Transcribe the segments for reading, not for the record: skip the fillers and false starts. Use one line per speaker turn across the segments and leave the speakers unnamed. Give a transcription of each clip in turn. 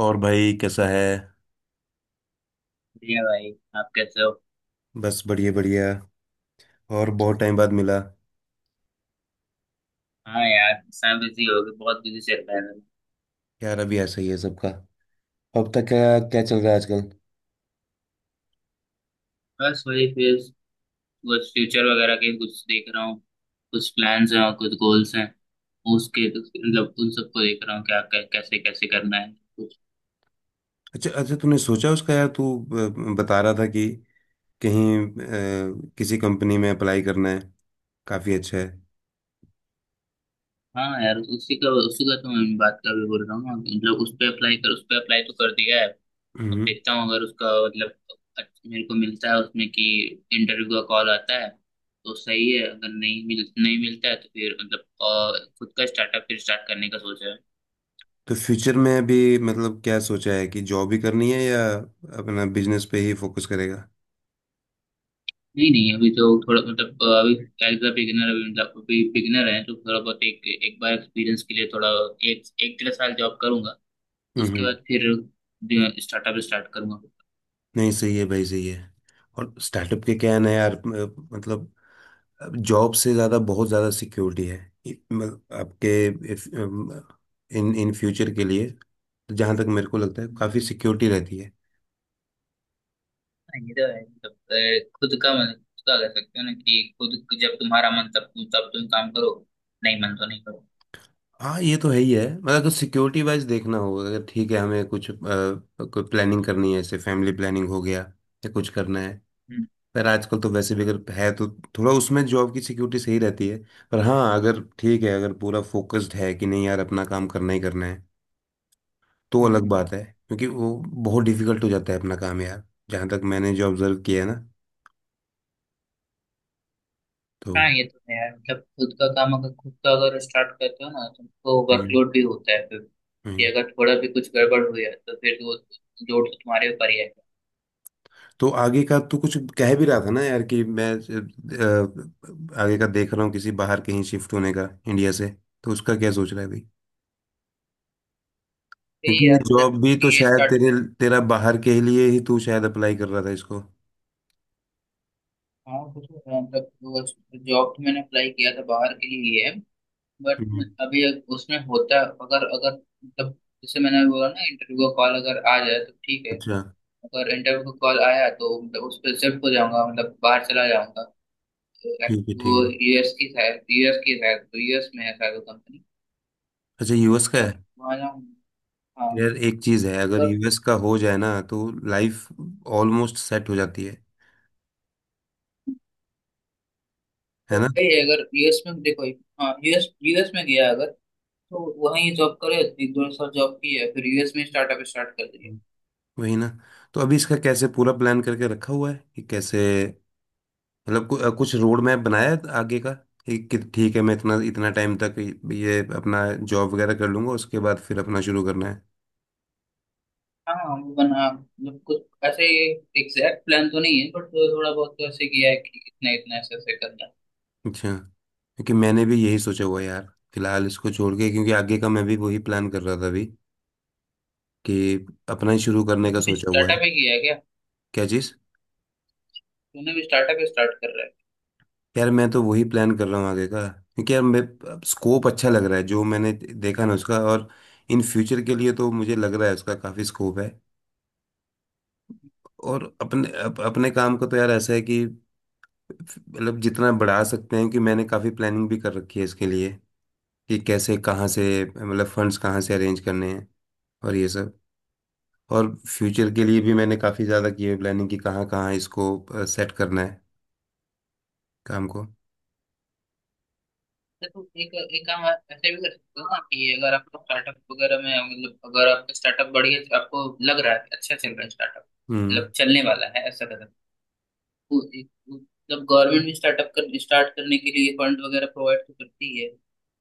और भाई कैसा है?
बढ़िया भाई। आप कैसे हो?
बस बढ़िया बढ़िया। और बहुत टाइम बाद मिला।
हाँ यार, सब बिजी हो गए, बहुत बिजी चल रहा है मेरा।
यार, अभी ऐसा ही है सबका। अब तक क्या क्या चल रहा है आजकल?
बस वही फिर कुछ फ्यूचर वगैरह के कुछ देख रहा हूँ। कुछ प्लान्स हैं और कुछ गोल्स हैं। उसके मतलब उन सबको देख रहा हूँ क्या क्या- कैसे कैसे करना है कुछ।
अच्छा अच्छा, तूने सोचा उसका यार, तू बता रहा था कि कहीं किसी कंपनी में अप्लाई करना है। काफ़ी अच्छा है।
हाँ यार, उसी का तो मैं बात कर भी बोल रहा हूँ ना, मतलब उस पर अप्लाई तो कर दिया है। अब
हम्म।
देखता हूँ अगर उसका मतलब मेरे को मिलता है उसमें कि इंटरव्यू का कॉल आता है तो सही है। अगर नहीं मिलता है तो फिर मतलब खुद का स्टार्टअप फिर स्टार्ट करने का सोचा है।
तो फ्यूचर में अभी मतलब क्या सोचा है कि जॉब ही करनी है या अपना बिजनेस पे ही फोकस करेगा?
नहीं नहीं, अभी तो थोड़ा मतलब अभी एज अ बिगिनर, अभी मतलब अभी बिगिनर है तो थोड़ा बहुत एक एक बार एक्सपीरियंस के लिए थोड़ा एक एक डेढ़ साल जॉब करूंगा। उसके
हम्म।
बाद फिर स्टार्टअप स्टार्ट करूंगा।
नहीं, सही है भाई, सही है। और स्टार्टअप के क्या है ना यार, मतलब जॉब से ज़्यादा बहुत ज़्यादा सिक्योरिटी है। आपके इन इन फ्यूचर के लिए। जहाँ तक मेरे को लगता है काफ़ी सिक्योरिटी रहती है।
ये तो है मतलब खुद का मन, खुद का कर सकते हो ना, कि खुद जब तुम्हारा मन, तब तुम काम करो। नहीं मन तो नहीं करो।
हाँ, ये तो है ही है, मतलब अगर सिक्योरिटी वाइज देखना होगा, अगर ठीक है हमें कुछ कोई प्लानिंग करनी है जैसे फैमिली प्लानिंग हो गया या कुछ करना है।
हम्म।
पर आजकल तो वैसे भी अगर है तो थोड़ा उसमें जॉब की सिक्योरिटी सही रहती है। पर हाँ, अगर ठीक है, अगर पूरा फोकस्ड है कि नहीं यार अपना काम करना ही करना है तो
हम्म।
अलग
हम्म।
बात है, क्योंकि वो बहुत डिफिकल्ट हो जाता है अपना काम यार। जहाँ तक मैंने जो ऑब्जर्व किया है ना, तो
हाँ ये तो है यार, मतलब खुद का अगर स्टार्ट करते हो ना, तुमको
हम्म,
वर्कलोड भी होता है फिर, कि
हम्म।
अगर थोड़ा भी कुछ गड़बड़ हुई है तो फिर वो लोड तो तुम्हारे ऊपर ही आएगा।
तो आगे का तो कुछ कह भी रहा था ना यार कि मैं आगे का देख रहा हूँ किसी बाहर कहीं शिफ्ट होने का इंडिया से। तो उसका क्या सोच रहा है भाई?
सही
क्योंकि
है
ये
यार, मतलब
जॉब भी तो
ये
शायद
स्टार्ट।
तेरे तेरा बाहर के लिए ही तू शायद अप्लाई कर रहा था इसको।
हाँ कुछ मतलब जॉब तो मैंने अप्लाई किया था बाहर के लिए ही है। बट अभी उसमें होता है, अगर अगर मतलब जैसे मैंने अभी बोला ना, इंटरव्यू का कॉल अगर आ जाए तो ठीक है।
अच्छा।
अगर इंटरव्यू का कॉल आया तो मतलब उस पर शिफ्ट हो जाऊंगा, मतलब बाहर चला जाऊंगा।
ठीक है, ठीक
वो
है।
यूएस की शायद, यूएस में है शायद वो कंपनी।
अच्छा,
तो
यूएस का है?
जब वहाँ जाऊंगा। हाँ
यार एक चीज है, अगर
अगर
यूएस का हो जाए ना तो लाइफ ऑलमोस्ट सेट हो जाती है ना।
वही है, अगर यूएस में देखो। हाँ, यूएस यूएस में गया अगर, तो वहीं जॉब करे, एक दो साल जॉब की है, फिर यूएस में स्टार्टअप स्टार्ट कर दिया।
हम्म। वही ना। तो अभी इसका कैसे पूरा प्लान करके रखा हुआ है कि कैसे, मतलब कुछ रोड मैप बनाया है आगे का कि ठीक है मैं इतना इतना टाइम तक ये अपना जॉब वगैरह कर लूंगा, उसके बाद फिर अपना शुरू करना है।
हाँ हाँ, वो बना मतलब कुछ ऐसे एग्जैक्ट प्लान तो नहीं है, बट थोड़ा बहुत तो ऐसे किया है कि इतना इतना ऐसे ऐसे करना है।
अच्छा। क्योंकि मैंने भी यही सोचा हुआ है यार, फिलहाल इसको छोड़ के क्योंकि आगे का मैं भी वही प्लान कर रहा था अभी, कि अपना ही शुरू
तो
करने का
तूने भी
सोचा हुआ
स्टार्टअप
है।
ही किया है क्या?
क्या चीज़?
तूने भी स्टार्टअप ही स्टार्ट कर रहा है?
यार मैं तो वही प्लान कर रहा हूँ आगे का, क्योंकि यार मैं स्कोप अच्छा लग रहा है जो मैंने देखा ना उसका, और इन फ्यूचर के लिए तो मुझे लग रहा है उसका काफ़ी स्कोप है। और अपने अपने काम को तो यार ऐसा है कि मतलब जितना बढ़ा सकते हैं, कि मैंने काफ़ी प्लानिंग भी कर रखी है इसके लिए कि कैसे कहाँ से मतलब फंड्स कहाँ से अरेंज करने हैं, और ये सब। और फ्यूचर के लिए भी मैंने काफ़ी ज़्यादा की है प्लानिंग कि कहाँ कहाँ इसको सेट करना है, काम को।
अच्छा, तो तू एक एक काम आप ऐसे भी कर सकते हो ना, कि अगर आपका स्टार्टअप वगैरह में मतलब अगर आपका स्टार्टअप बढ़िया, आपको लग रहा है कि अच्छा चल रहा है स्टार्टअप,
हम्म।
मतलब चलने वाला है ऐसा कदम, मतलब गवर्नमेंट भी स्टार्ट करने के लिए फंड वगैरह प्रोवाइड तो करती है।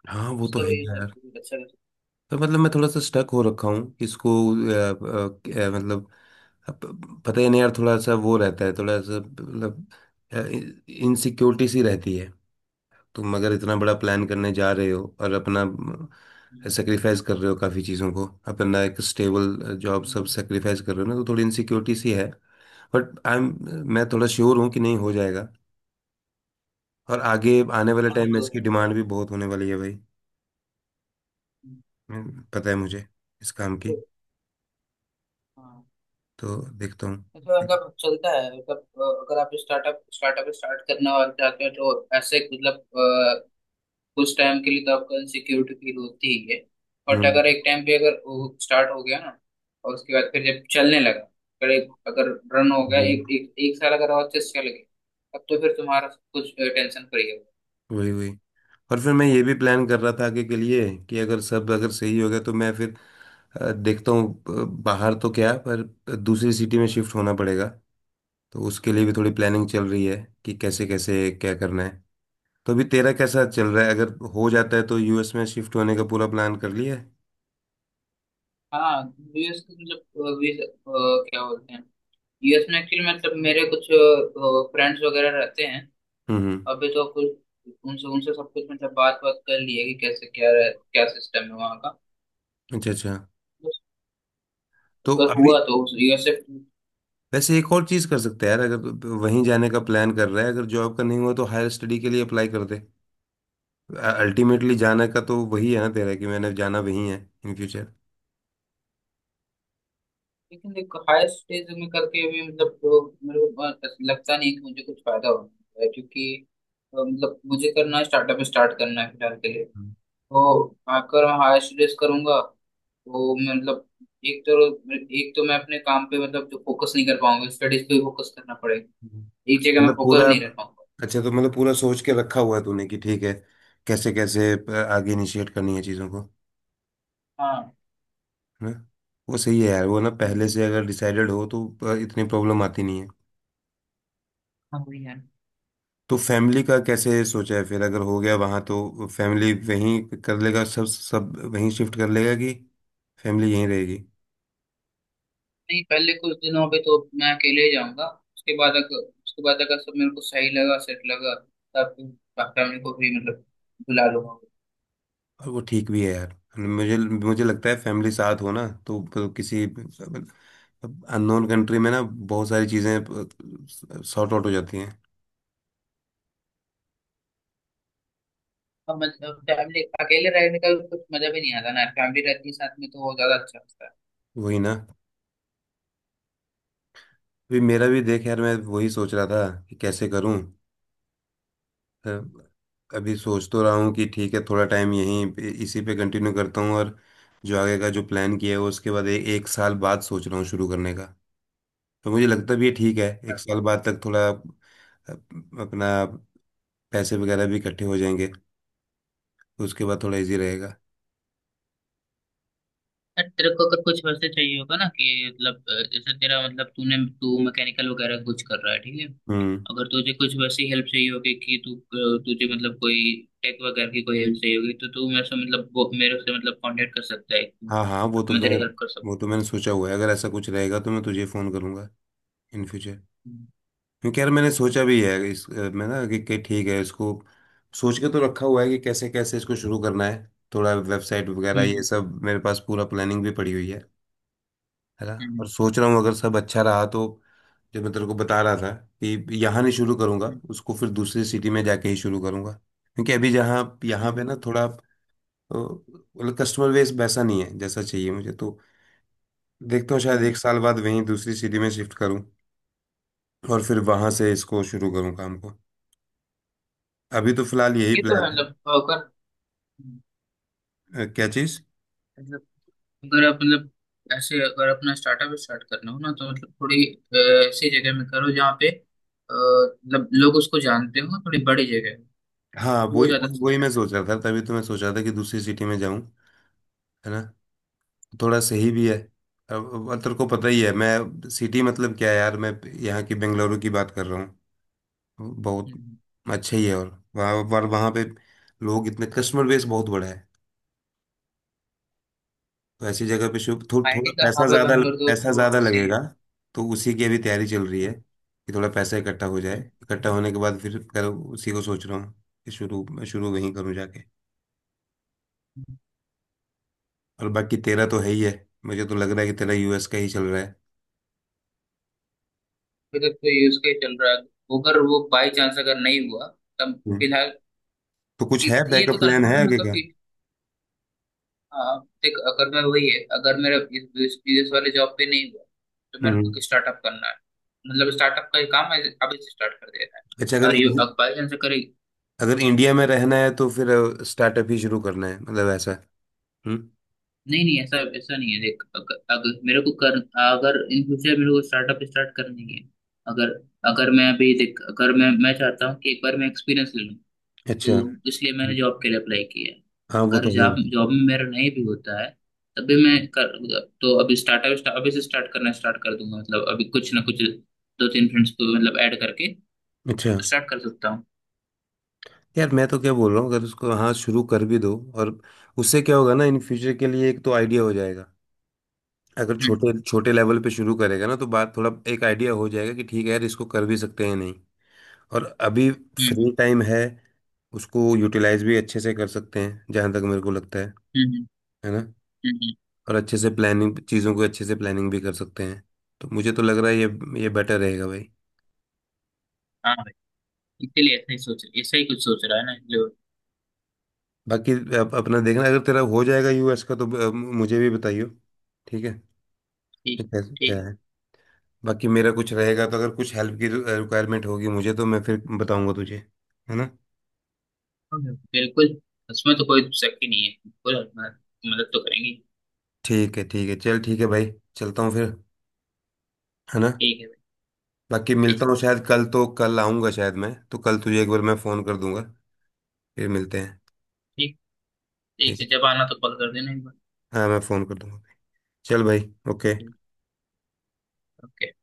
हाँ, वो तो
उसका
है
भी
ही।
मतलब अच्छा कर सकते
तो मतलब मैं थोड़ा सा स्टक हो रखा हूँ इसको मतलब अब पता ही नहीं यार, थोड़ा सा वो रहता है, थोड़ा सा मतलब इनसिक्योरिटी सी रहती है। तुम अगर इतना बड़ा
हैं।
प्लान करने जा रहे हो और अपना
हम्म,
सेक्रीफाइस कर रहे हो काफ़ी चीज़ों को, अपना एक स्टेबल जॉब सब
हम्म।
सेक्रीफाइस कर रहे हो ना, तो थोड़ी इनसिक्योरिटी सी है। बट आई एम, मैं थोड़ा श्योर हूँ कि नहीं हो जाएगा। और आगे आने वाले
हाँ ये
टाइम में
तो
इसकी
है।
डिमांड भी बहुत होने वाली है भाई।
हम्म।
पता है मुझे इस काम
तो
की।
हाँ
तो देखता
मतलब,
हूँ।
मतलब चलता है मतलब अगर आप स्टार्टअप स्टार्टअप स्टार्ट करने वाले जाते हैं तो ऐसे मतलब अ, कुछ टाइम के लिए तो आपको इनसिक्योरिटी फील होती ही है। बट
हम्म,
अगर एक टाइम पे अगर वो स्टार्ट हो गया ना, और उसके बाद फिर जब चलने लगा, अगर रन हो गया,
हम्म।
एक एक एक साल अगर और चेस चल गए, तब तो फिर तुम्हारा सब कुछ टेंशन फ्री है।
वही वही। और फिर मैं ये भी प्लान कर रहा था आगे के लिए कि अगर सब अगर सही हो गया तो मैं फिर देखता हूँ बाहर तो क्या पर दूसरी सिटी में शिफ्ट होना पड़ेगा। तो उसके लिए भी थोड़ी प्लानिंग चल रही है कि कैसे कैसे क्या करना है। तो अभी तेरा कैसा चल रहा है, अगर हो जाता है तो यूएस में शिफ्ट होने का पूरा प्लान कर लिया है?
हाँ यूएस के मतलब अ, वीस- अ, क्या बोलते हैं, यूएस में एक्चुअली मतलब मेरे कुछ फ्रेंड्स वगैरह रहते हैं।
हम्म, हम्म।
अभी तो कुछ उनसे उनसे सब कुछ मतलब बात बात कर ली है कि कैसे क्या सिस्टम है वहाँ का।
अच्छा अच्छा।
बस
तो
अगर
अभी
हुआ तो उस यूएसएफ।
वैसे एक और चीज़ कर सकते हैं यार, अगर वहीं जाने का प्लान कर रहा है, अगर जॉब का नहीं हुआ तो हायर स्टडी के लिए अप्लाई कर दे। अल्टीमेटली जाना का तो वही है ना तेरा कि मैंने जाना वही है इन फ्यूचर।
लेकिन देखो हायर स्टेज में करके भी मतलब तो मेरे को बहुत ऐसा लगता नहीं कि मुझे कुछ फायदा होगा, क्योंकि मतलब मुझे करना है, स्टार्टअप स्टार्ट करना है फिलहाल के लिए। तो आकर मैं हायर स्टडीज करूंगा तो मैं मतलब, एक तो एक तो मैं अपने काम पे मतलब जो फोकस नहीं कर पाऊंगा, स्टडीज पे फोकस करना पड़ेगा। एक जगह में
मतलब
फोकस
पूरा।
नहीं रह पाऊंगा।
अच्छा, तो मतलब पूरा सोच के रखा हुआ है तूने कि ठीक है कैसे कैसे आगे इनिशिएट करनी है चीज़ों को,
हाँ।
है ना। वो सही है यार, वो ना पहले
हम्म।
से अगर डिसाइडेड हो तो इतनी प्रॉब्लम आती नहीं है।
हाँ भैया।
तो फैमिली का कैसे सोचा है फिर, अगर हो गया वहाँ तो फैमिली वहीं कर लेगा सब सब वहीं शिफ्ट कर लेगा कि फैमिली यहीं रहेगी?
नहीं पहले कुछ दिनों पे तो मैं अकेले ही जाऊंगा। उसके बाद अगर सब मेरे को सही लगा, सेट लगा, तब फैमिली को भी मतलब बुला लूंगा।
और वो ठीक भी है यार, मुझे मुझे लगता है फैमिली साथ हो ना तो किसी मतलब अननोन कंट्री में ना बहुत सारी चीज़ें सॉर्ट आउट हो जाती हैं।
अब मतलब फैमिली अकेले रहने का भी कुछ मजा भी नहीं आता ना, फैमिली रहती है साथ में तो वो ज्यादा अच्छा लगता है।
वही ना। अभी मेरा भी देख यार, मैं वही सोच रहा था कि कैसे करूं। अ, अभी सोच तो रहा हूं कि ठीक है थोड़ा टाइम इसी पे कंटिन्यू करता हूं, और जो आगे का जो प्लान किया है वो उसके बाद एक साल बाद सोच रहा हूँ शुरू करने का। तो मुझे लगता भी है ठीक है एक साल बाद तक थोड़ा अपना पैसे वगैरह भी इकट्ठे हो जाएंगे, उसके बाद थोड़ा इजी रहेगा।
यार, तेरे को अगर कुछ वैसे चाहिए होगा ना, कि मतलब जैसे तेरा मतलब तूने तू मैकेनिकल वगैरह कुछ कर रहा है ठीक है,
हम्म।
अगर तुझे कुछ वैसी हेल्प चाहिए होगी कि तू तुझे मतलब कोई टेक वगैरह की कोई हेल्प चाहिए होगी, तो तू मेरे से मतलब मेरे से मतलब कांटेक्ट कर सकता है।
हाँ हाँ,
मैं तेरी हेल्प कर सकता
वो तो मैंने सोचा हुआ है, अगर ऐसा कुछ रहेगा तो मैं तुझे फ़ोन करूँगा इन फ्यूचर।
हूँ।
क्योंकि यार मैंने सोचा भी है इस मैं ना कि ठीक है इसको सोच के तो रखा हुआ है कि कैसे कैसे इसको शुरू करना है। थोड़ा वेबसाइट वगैरह ये
हम्म,
सब मेरे पास पूरा प्लानिंग भी पड़ी हुई है ना। और
हम्म,
सोच रहा हूँ अगर सब अच्छा रहा तो जो मैं तेरे को बता रहा था कि यहाँ नहीं शुरू करूँगा
हम्म,
उसको, फिर दूसरी सिटी में जाके ही शुरू करूँगा। क्योंकि अभी जहाँ यहाँ पे
हम्म,
ना थोड़ा, तो मतलब कस्टमर बेस वैसा नहीं है जैसा चाहिए मुझे। तो देखता हूँ शायद
हम्म।
एक साल बाद वहीं दूसरी सिटी में शिफ्ट करूँ, और फिर वहां से इसको शुरू करूँ, काम को। अभी तो फिलहाल यही
ये तो है
प्लान है क्या चीज़?
मतलब अगर आप मतलब ऐसे अगर अपना स्टार्टअप स्टार्ट करना हो ना, तो मतलब थोड़ी अ, ऐसी जगह में करो जहाँ पे मतलब लोग उसको जानते हो, थोड़ी बड़ी जगह हो,
हाँ
तो वो
वही
ज़्यादा
वही वही,
चलता
मैं
है।
सोच रहा था, तभी तो मैं सोच रहा था कि दूसरी सिटी में जाऊं, है ना। थोड़ा सही भी है। अब तेरे को पता ही है मैं सिटी मतलब क्या है यार, मैं यहाँ की बेंगलुरु की बात कर रहा हूँ। बहुत अच्छा ही है, और वहाँ पे लोग इतने कस्टमर बेस बहुत बड़ा है, तो ऐसी जगह पे थोड़ा
आईटी का हब है बेंगलोर तो
पैसा
तो
ज्यादा
ऐसे ही।
लगेगा। तो उसी की अभी तैयारी चल रही है कि थोड़ा पैसा इकट्ठा हो जाए, इकट्ठा होने के बाद फिर कर उसी को सोच रहा हूँ कि शुरू वहीं करूँ जाके। और बाकी तेरा तो है ही है, मुझे तो लग रहा है कि तेरा यूएस का ही चल रहा है।
अगर तो ये यूज केस चल रहा है। अगर वो बाई चांस अगर नहीं हुआ तब
हम्म।
फिलहाल,
तो कुछ है
कि- ये तो
बैकअप प्लान है
कंफर्म है
आगे
मतलब
का?
कि आ, देख अगर मैं वही है अगर मेरा इस वाले जॉब पे नहीं हुआ तो मेरे
हम्म।
को स्टार्टअप करना है। मतलब स्टार्टअप का ही काम है, अभी से स्टार्ट कर देना है।
अच्छा,
और ये अब बाई चांस अगर,
अगर इंडिया में रहना है तो फिर स्टार्टअप ही शुरू करना है मतलब, ऐसा? हम्म।
नहीं नहीं, ऐसा ऐसा नहीं है देख, अगर मेरे को कर, अगर इन फ्यूचर मेरे को स्टार्टअप स्टार्ट करनी है। अगर अगर मैं अभी देख अगर मैं चाहता हूँ कि एक बार मैं एक्सपीरियंस ले लूँ,
अच्छा,
तो इसलिए मैंने जॉब के लिए अप्लाई किया है।
हाँ, वो
अगर
तो है
जॉब
ही।
जॉब में मेरा नहीं भी होता है, तब भी मैं कर, तो अभी स्टार्टअप अभी से स्टार्ट करना स्टार्ट कर दूंगा मतलब अभी कुछ ना कुछ दो तीन फ्रेंड्स को मतलब ऐड करके
अच्छा।
स्टार्ट कर सकता हूँ।
यार मैं तो क्या बोल रहा हूँ अगर उसको हाँ शुरू कर भी दो, और उससे क्या होगा ना, इन फ्यूचर के लिए एक तो आइडिया हो जाएगा। अगर
हम्म
छोटे छोटे लेवल पे शुरू करेगा ना तो बात थोड़ा एक आइडिया हो जाएगा कि ठीक है यार इसको कर भी सकते हैं नहीं। और अभी फ्री
हम्म
टाइम है। उसको यूटिलाइज भी अच्छे से कर सकते हैं जहाँ तक मेरे को लगता है
हम्म
है ना।
हम्म, हम्म,
और अच्छे से प्लानिंग चीज़ों को अच्छे से प्लानिंग भी कर सकते हैं। तो मुझे तो लग रहा है ये बेटर रहेगा भाई।
हाँ भाई, इसीलिए ऐसा ही कुछ सोच रहा है ना जो।
बाकी अपना देखना अगर तेरा हो जाएगा यूएस का तो मुझे भी बताइयो। ठीक है।
ठीक।
ठीक है, क्या
ठीक है।
है। बाकी मेरा कुछ रहेगा तो अगर कुछ हेल्प की रिक्वायरमेंट होगी मुझे तो मैं फिर बताऊंगा तुझे, है ना।
बिल्कुल। उसमें तो कोई शक ही नहीं है बिल्कुल। हम मदद तो करेंगे।
ठीक है चल, ठीक है भाई, चलता हूँ फिर, है ना।
ठीक है भाई।
बाकी मिलता
ठीक।
हूँ शायद कल तो कल आऊँगा शायद, मैं तो कल तुझे एक बार मैं फ़ोन कर दूंगा, फिर मिलते हैं।
ठीक। ठीक
ठीक
से
है।
जब आना तो कॉल कर देना एक बार।
हाँ, मैं फ़ोन कर दूंगा। चल भाई।
ठीक।
ओके।
ओके।